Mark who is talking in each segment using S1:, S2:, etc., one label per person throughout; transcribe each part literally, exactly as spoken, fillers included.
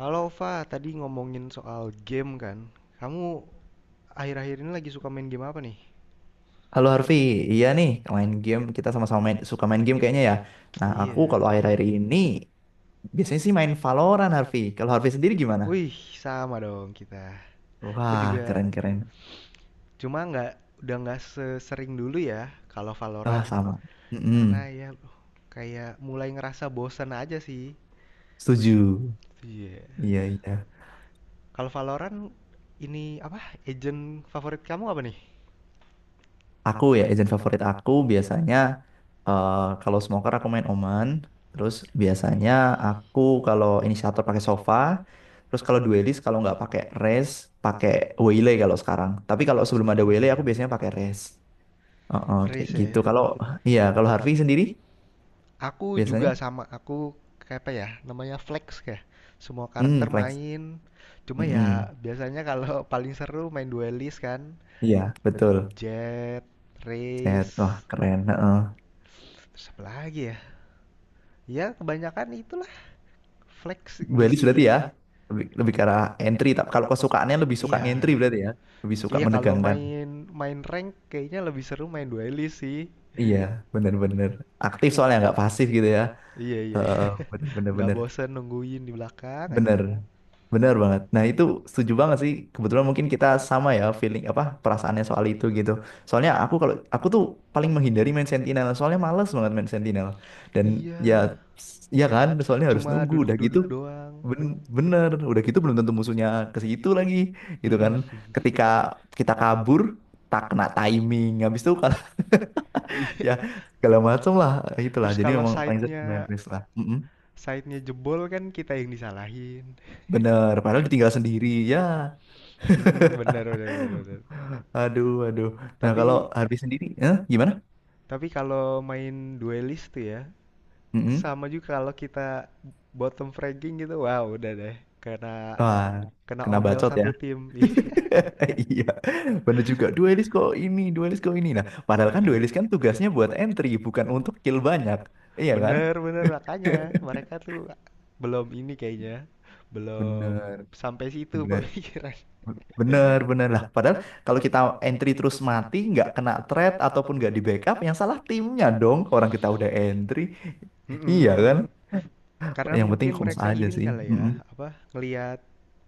S1: Halo Ova, tadi ngomongin soal game kan? Kamu akhir-akhir ini lagi suka main game apa nih?
S2: Halo Harvey, iya nih main game kita sama-sama main, suka main game kayaknya ya. Nah aku
S1: Iya.
S2: kalau akhir-akhir ini biasanya sih main Valorant Harvey. Kalau Harvey sendiri gimana?
S1: Wih, sama dong kita. Aku
S2: Wah
S1: juga,
S2: keren-keren.
S1: cuma nggak udah nggak sesering dulu ya kalau
S2: Wah
S1: Valorant,
S2: sama. Mm-mm,
S1: karena ya kayak mulai ngerasa bosan aja sih.
S2: setuju.
S1: Iya.
S2: Iya iya.
S1: Kalau Valorant ini apa? Agent favorit kamu apa nih?
S2: Aku ya agent favorit aku biasanya eh, kalau smoker aku main Omen. Terus biasanya
S1: Wih.
S2: aku kalau inisiator pakai Sova. Terus kalau duelis kalau nggak pakai Raze pakai Waylay kalau sekarang. Tapi kalau sebelum ada
S1: Oh,
S2: Waylay
S1: wih,
S2: aku
S1: wih.
S2: biasanya pakai Raze. Oh, oh, kayak
S1: Riz ya.
S2: gitu. Kalau iya, kalau Harvey sendiri
S1: Aku juga
S2: biasanya,
S1: sama, aku kayak apa ya, namanya flex, kayak semua
S2: hmm,
S1: karakter
S2: flex.
S1: main. Cuma ya
S2: Mm-mm.
S1: biasanya kalau paling seru main duelist kan,
S2: Iya,
S1: main
S2: betul.
S1: jet,
S2: Set,
S1: race,
S2: wah keren. Heeh.
S1: terus apa lagi ya? Ya kebanyakan itulah, flex
S2: Duelist berarti ya,
S1: ngisi.
S2: lebih, lebih ke arah entry. Tapi kalau kesukaannya lebih suka
S1: Iya.
S2: entry berarti ya, lebih suka
S1: Iya, kalau
S2: menegangkan.
S1: main main rank kayaknya lebih seru main duelist sih.
S2: Iya, bener-bener aktif soalnya nggak pasif gitu ya.
S1: Iya, iya, iya.
S2: Heeh,
S1: Nggak
S2: bener-bener.
S1: bosen nungguin di belakang aja.
S2: Bener, bener banget. Nah itu setuju banget sih. Kebetulan mungkin kita sama ya feeling apa perasaannya soal itu gitu. Soalnya aku kalau aku tuh paling menghindari main Sentinel. Soalnya males banget main Sentinel. Dan ya,
S1: Iya,
S2: ya kan. Soalnya harus
S1: cuma
S2: nunggu. Udah gitu,
S1: duduk-duduk doang.
S2: ben bener. Udah gitu belum tentu musuhnya ke situ lagi, gitu kan. Ketika kita kabur, tak kena timing. Habis itu kalau
S1: Iya.
S2: ya segala macam lah itulah.
S1: Terus
S2: Jadi
S1: kalau
S2: memang paling sering main
S1: side-nya
S2: Risk lah. Mm-mm.
S1: side-nya jebol kan kita yang disalahin.
S2: Bener. Padahal ditinggal sendiri ya.
S1: Mhm, benar, benar, benar, benar.
S2: Aduh, aduh. Nah, kalau
S1: Tapi
S2: Harvey sendiri, eh, gimana?
S1: tapi kalau main duelist tuh ya,
S2: Mm-mm.
S1: sama juga kalau kita bottom fragging gitu, wow, udah deh kena
S2: Wah,
S1: kena
S2: kena
S1: omel
S2: bacot ya.
S1: satu tim.
S2: Iya, bener juga. Duelis kok ini, duelis kok ini. Nah, padahal kan duelis kan tugasnya buat entry, bukan untuk kill banyak. Iya kan?
S1: Bener, bener, makanya mereka tuh belum ini kayaknya, belum
S2: Bener,
S1: sampai situ
S2: bener,
S1: pemikiran.
S2: bener, bener lah. Padahal kalau kita entry terus mati, nggak kena threat ataupun nggak di backup, yang salah timnya dong. Orang kita udah entry, iya
S1: Mhm.
S2: kan?
S1: Karena
S2: Yang penting
S1: mungkin
S2: comms
S1: mereka
S2: aja
S1: ini
S2: sih.
S1: kali ya,
S2: Mm-mm.
S1: apa ngelihat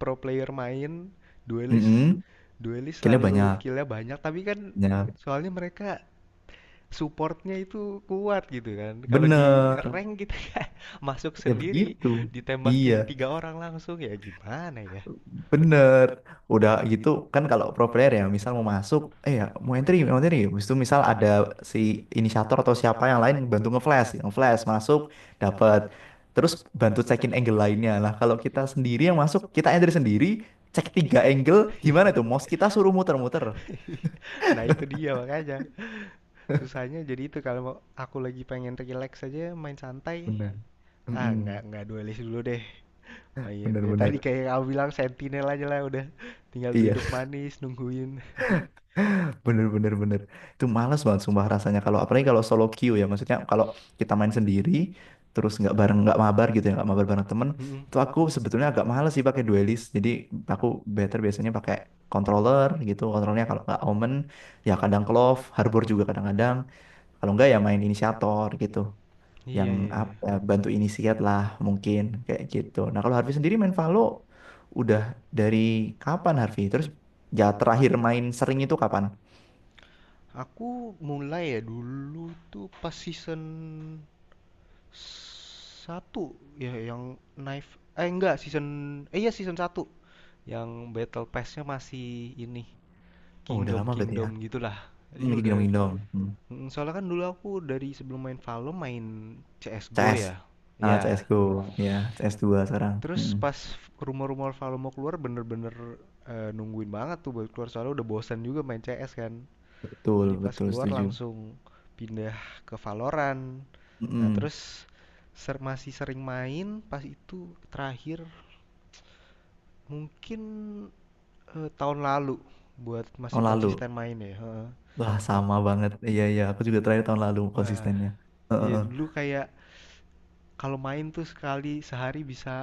S1: pro player main duelist,
S2: Mm-mm.
S1: duelist
S2: Killnya
S1: selalu
S2: banyak.
S1: killnya banyak, tapi kan
S2: Ya,
S1: soalnya mereka supportnya itu kuat gitu kan. Kalau di
S2: bener.
S1: rank kita kan masuk
S2: Ya
S1: sendiri
S2: begitu.
S1: ditembakin
S2: Iya,
S1: tiga orang langsung, ya gimana ya.
S2: bener. Udah gitu kan kalau pro player ya, misal mau masuk, eh ya mau entry, mau entry. Habis itu misal ada si inisiator atau siapa yang lain yang bantu nge-flash, nge-flash masuk dapat. Terus bantu cekin angle lainnya. Lah kalau kita sendiri yang masuk, kita entry sendiri, cek tiga angle, gimana tuh? Mouse kita suruh muter-muter.
S1: Nah itu dia, makanya susahnya jadi itu kalau mau- aku lagi pengen relax aja main santai,
S2: Bener.
S1: ah nggak
S2: Mm-mm.
S1: nggak duelist dulu deh. Oh iya, dari tadi
S2: Bener-bener.
S1: kayak yang kamu bilang, sentinel aja lah, udah tinggal
S2: Iya.
S1: duduk manis nungguin.
S2: Bener bener bener. Itu malas banget sumpah rasanya kalau apalagi kalau solo queue ya maksudnya kalau kita main sendiri terus nggak bareng nggak mabar gitu ya nggak mabar bareng temen
S1: Mhm.
S2: itu aku sebetulnya agak males sih pakai duelist jadi aku better biasanya pakai controller gitu kontrolnya kalau nggak Omen ya kadang Clove Harbor juga kadang-kadang kalau nggak ya main inisiator gitu yang
S1: Iya, iya,
S2: apa
S1: iya.
S2: ya, bantu inisiat lah mungkin kayak gitu nah kalau Harvey sendiri main Valo udah dari kapan Harvey terus ya terakhir main sering itu kapan.
S1: Aku mulai ya dulu tuh pas season satu ya yang knife, eh enggak season, eh iya season satu yang battle pass-nya masih ini
S2: Oh, udah
S1: kingdom
S2: lama berarti ya.
S1: kingdom gitulah.
S2: Hmm,
S1: Jadi
S2: lagi
S1: udah.
S2: gendong-gendong. Hmm.
S1: Mm, soalnya kan dulu aku dari sebelum main valor, main C S:GO
S2: C S.
S1: ya.
S2: Ah,
S1: Ya,
S2: C S G O. Ya, cs dua sekarang.
S1: terus
S2: Mm-mm.
S1: pas rumor-rumor Valo mau keluar bener-bener, eh, nungguin banget tuh buat keluar, soalnya udah bosan juga main C S kan.
S2: Betul,
S1: Jadi pas
S2: betul
S1: keluar
S2: setuju.
S1: langsung pindah ke Valorant. Nah,
S2: Mm-mm.
S1: terus ser masih sering main, pas itu terakhir mungkin, eh, tahun lalu buat masih
S2: Tahun lalu.
S1: konsisten main ya. Heeh.
S2: Wah,
S1: Kalau
S2: sama banget. Iya, iya. Aku juga terakhir tahun lalu
S1: wah,
S2: konsistennya. Heeh,
S1: iya
S2: heeh.
S1: dulu kayak kalau main tuh sekali sehari bisa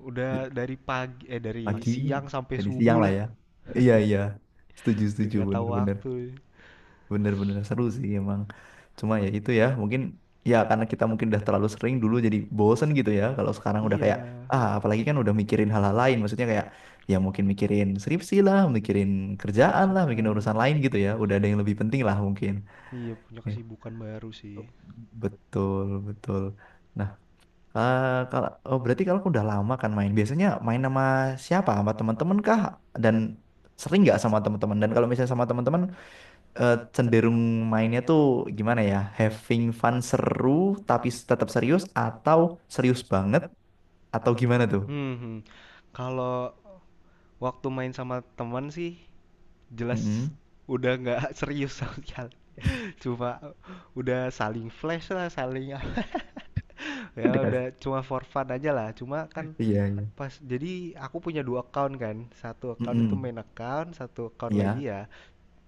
S1: udah dari pagi, eh dari
S2: Pagi,
S1: siang sampai
S2: jadi
S1: subuh
S2: siang lah
S1: lah.
S2: ya. Iya, iya. Setuju,
S1: Udah
S2: setuju.
S1: nggak tahu
S2: Bener-bener.
S1: waktu.
S2: Bener-bener seru sih emang. Cuma ya itu ya, mungkin ya karena kita mungkin udah terlalu sering dulu jadi bosen gitu ya. Kalau sekarang udah kayak
S1: Iya,
S2: ah apalagi kan udah mikirin hal-hal lain. Maksudnya kayak ya mungkin mikirin skripsi lah, mikirin kerjaan lah, mikirin
S1: kerjaan.
S2: urusan lain gitu ya. Udah ada yang lebih penting lah mungkin.
S1: Iya, punya
S2: Ya,
S1: kesibukan baru sih.
S2: Betul, betul. Nah, ka- kalau oh, berarti kalau udah lama kan main, biasanya main sama siapa? Sama teman-teman kah? Dan sering nggak sama teman-teman? Dan kalau misalnya sama teman-teman eh, cenderung mainnya tuh gimana ya? Having fun seru tapi tetap serius atau serius banget atau gimana tuh?
S1: Hmm, Kalau waktu main sama teman sih jelas
S2: Mm-mm.
S1: udah nggak serius sama sekali. Cuma udah saling flash lah, saling ya
S2: Dekat.
S1: udah cuma for fun aja lah. Cuma
S2: Iya,
S1: kan
S2: iya.
S1: pas jadi aku punya dua account kan. Satu account itu
S2: Mm-mm.
S1: main account, satu account
S2: Iya,
S1: lagi ya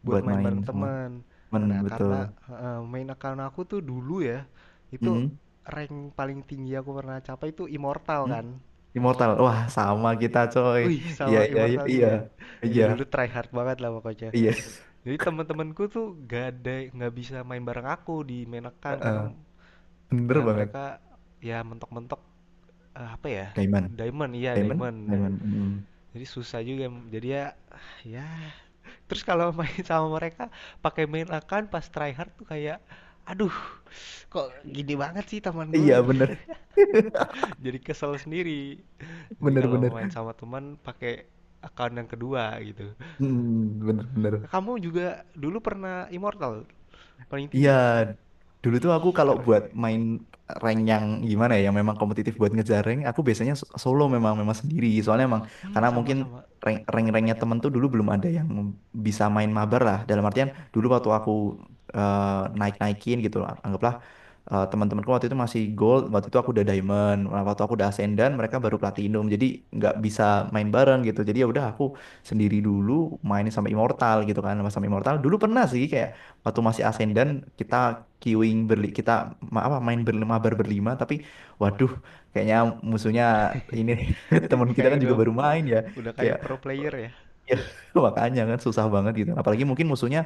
S1: buat
S2: buat
S1: main
S2: main
S1: bareng
S2: sama
S1: teman.
S2: temen
S1: Nah,
S2: betul.
S1: karena heeh, main account aku tuh dulu ya, itu
S2: Mm-mm.
S1: rank paling tinggi aku pernah capai itu Immortal
S2: Mm.
S1: kan.
S2: Immortal. Wah, sama kita coy.
S1: Wih,
S2: Iya,
S1: sama,
S2: iya, iya.
S1: Immortal
S2: Iya.
S1: juga. Iya
S2: Iya.
S1: dulu try hard banget lah pokoknya.
S2: Iya.
S1: Jadi teman-temanku tuh gak ada, nggak bisa main bareng aku di main account, karena
S2: Heeh. Bener
S1: eh,
S2: banget.
S1: mereka ya mentok-mentok, eh, apa ya?
S2: Diamond.
S1: Diamond, iya
S2: Diamond.
S1: diamond.
S2: Diamond. Mm.
S1: Jadi susah juga. Jadi ya, ya, terus kalau main sama mereka pakai main akan pas tryhard tuh kayak aduh, kok gini banget sih taman gua.
S2: Iya, bener.
S1: Jadi kesel sendiri, jadi kalau main
S2: Bener-bener.
S1: sama teman pakai akun yang kedua gitu.
S2: Mm, bener-bener.
S1: Kamu juga dulu pernah immortal paling
S2: Iya,
S1: tinggi?
S2: dulu
S1: Wih
S2: tuh aku kalau buat
S1: keren.
S2: main rank yang gimana ya, yang memang kompetitif buat ngejar rank, aku biasanya so- solo memang memang sendiri. Soalnya emang
S1: Hmm
S2: karena mungkin
S1: sama-sama.
S2: rank rank ranknya temen tuh dulu belum ada yang bisa main mabar lah. Dalam artian dulu waktu aku naik naikin gitu, anggaplah eh, teman-temanku waktu itu masih gold, waktu itu aku udah diamond. Nah, waktu aku udah ascendant, mereka baru platinum. Jadi nggak bisa main bareng gitu. Jadi ya udah aku sendiri dulu main sampai immortal gitu kan, sama immortal. Dulu pernah sih kayak waktu masih asenden kita queuing berli kita ma- apa main berlima mabar berlima tapi waduh kayaknya musuhnya ini teman kita
S1: Kayak
S2: kan
S1: udah
S2: juga baru main ya
S1: udah kayak
S2: kayak
S1: pro player ya.
S2: ya makanya kan susah banget gitu apalagi mungkin musuhnya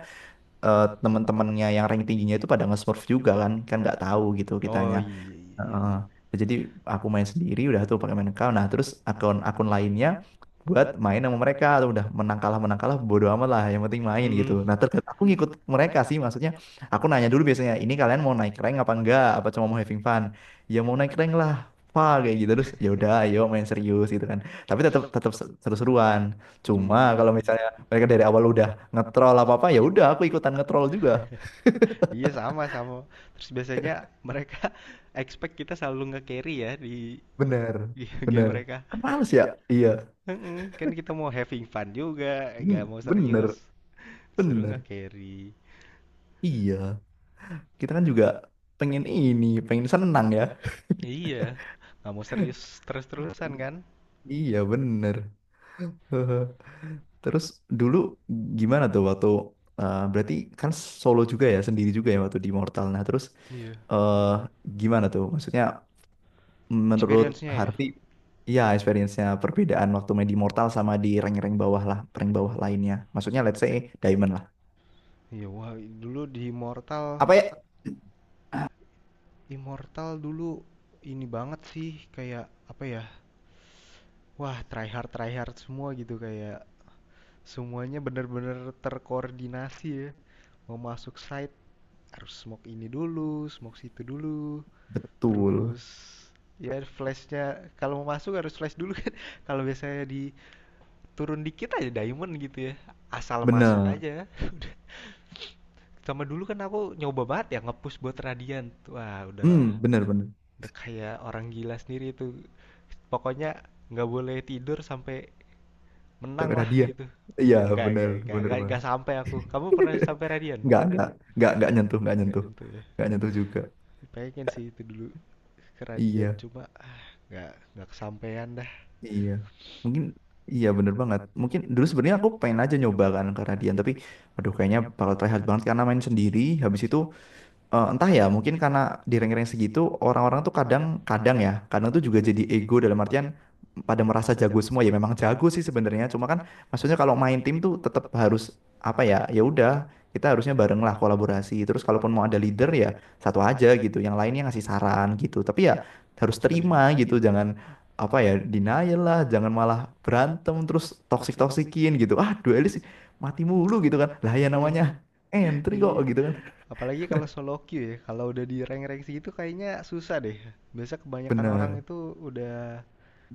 S2: eh, teman-temannya yang rank tingginya itu pada nge-smurf juga kan kan nggak tahu gitu
S1: Oh,
S2: kitanya.
S1: iya, iya, iya.
S2: Heeh. Nah, jadi aku main sendiri udah tuh pakai main account. Nah, terus akun-akun lainnya buat main sama mereka atau udah menang kalah menang kalah bodo amat lah yang penting main gitu. Nah, terkadang aku ngikut mereka sih maksudnya aku nanya dulu biasanya ini kalian mau naik rank apa enggak apa cuma mau having fun? Ya mau naik rank lah. Pak kayak gitu terus ya udah ayo main serius gitu kan. Tapi tetap tetap seru-seruan. Cuma kalau
S1: Hmm.
S2: misalnya mereka dari awal udah ngetrol apa-apa ya udah aku ikutan ngetrol juga.
S1: Iya, sama, sama. Terus biasanya mereka expect kita selalu nge-carry ya di
S2: Bener.
S1: di game
S2: Bener.
S1: mereka.
S2: Kan males ya? Iya.
S1: Mm-mm, kan kita mau having fun juga, nggak
S2: Hmm,
S1: mau serius.
S2: bener.
S1: Seru
S2: Bener.
S1: nge-carry.
S2: Iya. Kita kan juga pengen ini, pengen senang ya.
S1: Iya, nggak mau serius terus-terusan
S2: I-
S1: kan?
S2: Iya, bener. Hehe. Terus dulu gimana tuh waktu eh, berarti kan solo juga ya, sendiri juga ya waktu di Mortal. Nah, terus
S1: Iya.
S2: eh gimana tuh? Maksudnya menurut
S1: Experience-nya ya.
S2: Harvey, iya experience-nya perbedaan waktu main di Mortal sama di rank-rank bawah lah, rank bawah lainnya. Maksudnya let's say Diamond lah.
S1: Iya, wah dulu di Immortal,
S2: Apa ya?
S1: Immortal dulu ini banget sih, kayak apa ya? Wah, try hard try hard semua gitu, kayak semuanya bener-bener terkoordinasi ya, mau masuk site harus smoke ini dulu, smoke situ dulu,
S2: Betul.
S1: terus ya flashnya kalau mau masuk harus flash dulu kan. Kalau biasanya di turun dikit aja diamond gitu ya, asal masuk
S2: Bener.
S1: aja. Udah. Sama, dulu kan aku nyoba banget ya ngepush buat radian. Wah udah
S2: Hmm, bener bener.
S1: udah kayak orang gila sendiri itu. Pokoknya nggak boleh tidur sampai menang
S2: Sampai
S1: lah
S2: hadiah.
S1: gitu.
S2: Iya,
S1: Nggak,
S2: bener
S1: enggak,
S2: bener
S1: nggak, enggak,
S2: banget.
S1: sampai aku. Kamu pernah sampai radian?
S2: nggak nggak nggak nggak nyentuh nggak
S1: Nggak
S2: nyentuh
S1: nyentuh ya.
S2: nggak nyentuh juga
S1: Pengen sih itu dulu ke Radian,
S2: iya
S1: cuma ah nggak nggak kesampaian dah.
S2: iya mungkin iya bener banget mungkin dulu sebenarnya aku pengen aja nyoba kan karena Dian tapi aduh kayaknya bakal try hard banget karena main sendiri habis itu eh, entah ya, mungkin karena di rank-rank segitu orang-orang tuh kadang-kadang ya, kadang tuh juga jadi ego dalam artian pada merasa jago semua ya memang jago sih sebenarnya. Cuma kan maksudnya kalau main tim tuh tetap harus apa ya? Ya udah, kita harusnya bareng lah kolaborasi. Terus kalaupun mau ada leader ya satu aja gitu, yang lainnya ngasih saran gitu. Tapi ya harus
S1: Iya.
S2: terima gitu, jangan apa ya denial lah, jangan malah berantem terus toksik-toksikin gitu. Ah, duelis mati mulu gitu kan. Lah ya
S1: Hmm,
S2: namanya entry kok
S1: iya
S2: gitu kan.
S1: apalagi kalau solo queue ya, kalau udah di rank-rank segitu kayaknya susah deh. Biasa kebanyakan orang
S2: Bener.
S1: itu udah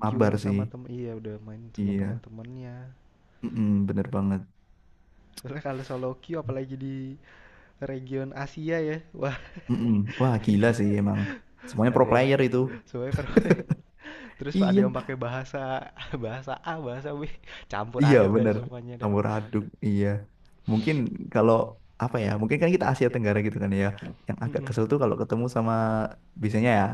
S2: Mabar
S1: queuing
S2: sih.
S1: sama tem iya udah main sama
S2: Iya.
S1: teman-temannya.
S2: Mm-mm, bener banget.
S1: Soalnya kalau solo queue apalagi di region Asia ya, wah.
S2: Mm-mm. Wah, gila
S1: Itu
S2: sih emang. Semuanya pro
S1: ada ya,
S2: player itu.
S1: soalnya per- terus ada
S2: Iya.
S1: yang pakai bahasa bahasa A bahasa B, campur
S2: Iya,
S1: aduk dan
S2: bener.
S1: semuanya dah.
S2: Campur aduk. Iya. Mungkin kalau apa ya? Mungkin kan kita Asia Tenggara gitu kan ya. Yang agak
S1: Mm-mm.
S2: kesel tuh kalau ketemu sama biasanya ya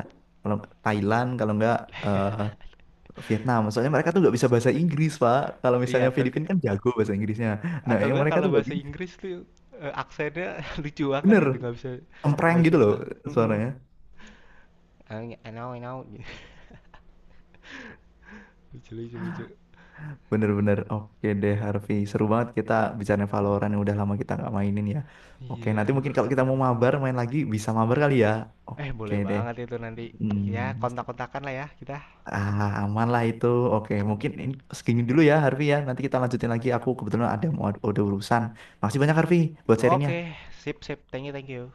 S2: kalau Thailand, kalau enggak eh, Vietnam. Soalnya mereka tuh nggak bisa bahasa Inggris, Pak. Kalau
S1: Iya,
S2: misalnya
S1: atau
S2: Filipina
S1: ke-
S2: kan jago bahasa Inggrisnya. Nah,
S1: atau
S2: yang
S1: enggak
S2: mereka
S1: kalau
S2: tuh nggak
S1: bahasa
S2: bisa.
S1: Inggris tuh, eh, aksennya lucu banget
S2: Bener,
S1: gitu, nggak bisa
S2: empreng
S1: nggak bisa
S2: gitu loh
S1: dipaham. Mm-mm.
S2: suaranya.
S1: I I know I know. Lucu, lucu, lucu.
S2: Bener-bener oke deh Harvey seru banget kita bicara Valorant yang udah lama kita nggak mainin ya oke
S1: Iya,
S2: nanti
S1: aduh.
S2: mungkin kalau kita mau mabar main lagi bisa mabar kali ya
S1: Eh
S2: oke
S1: boleh
S2: deh
S1: banget itu nanti.
S2: hmm.
S1: Ya kontak-kontakan lah ya kita.
S2: Ah aman lah itu oke mungkin ini segini dulu ya Harvey ya nanti kita lanjutin lagi aku kebetulan ada mau ada urusan makasih banyak Harvey buat sharingnya.
S1: Oke, sip sip. Thank you, thank you.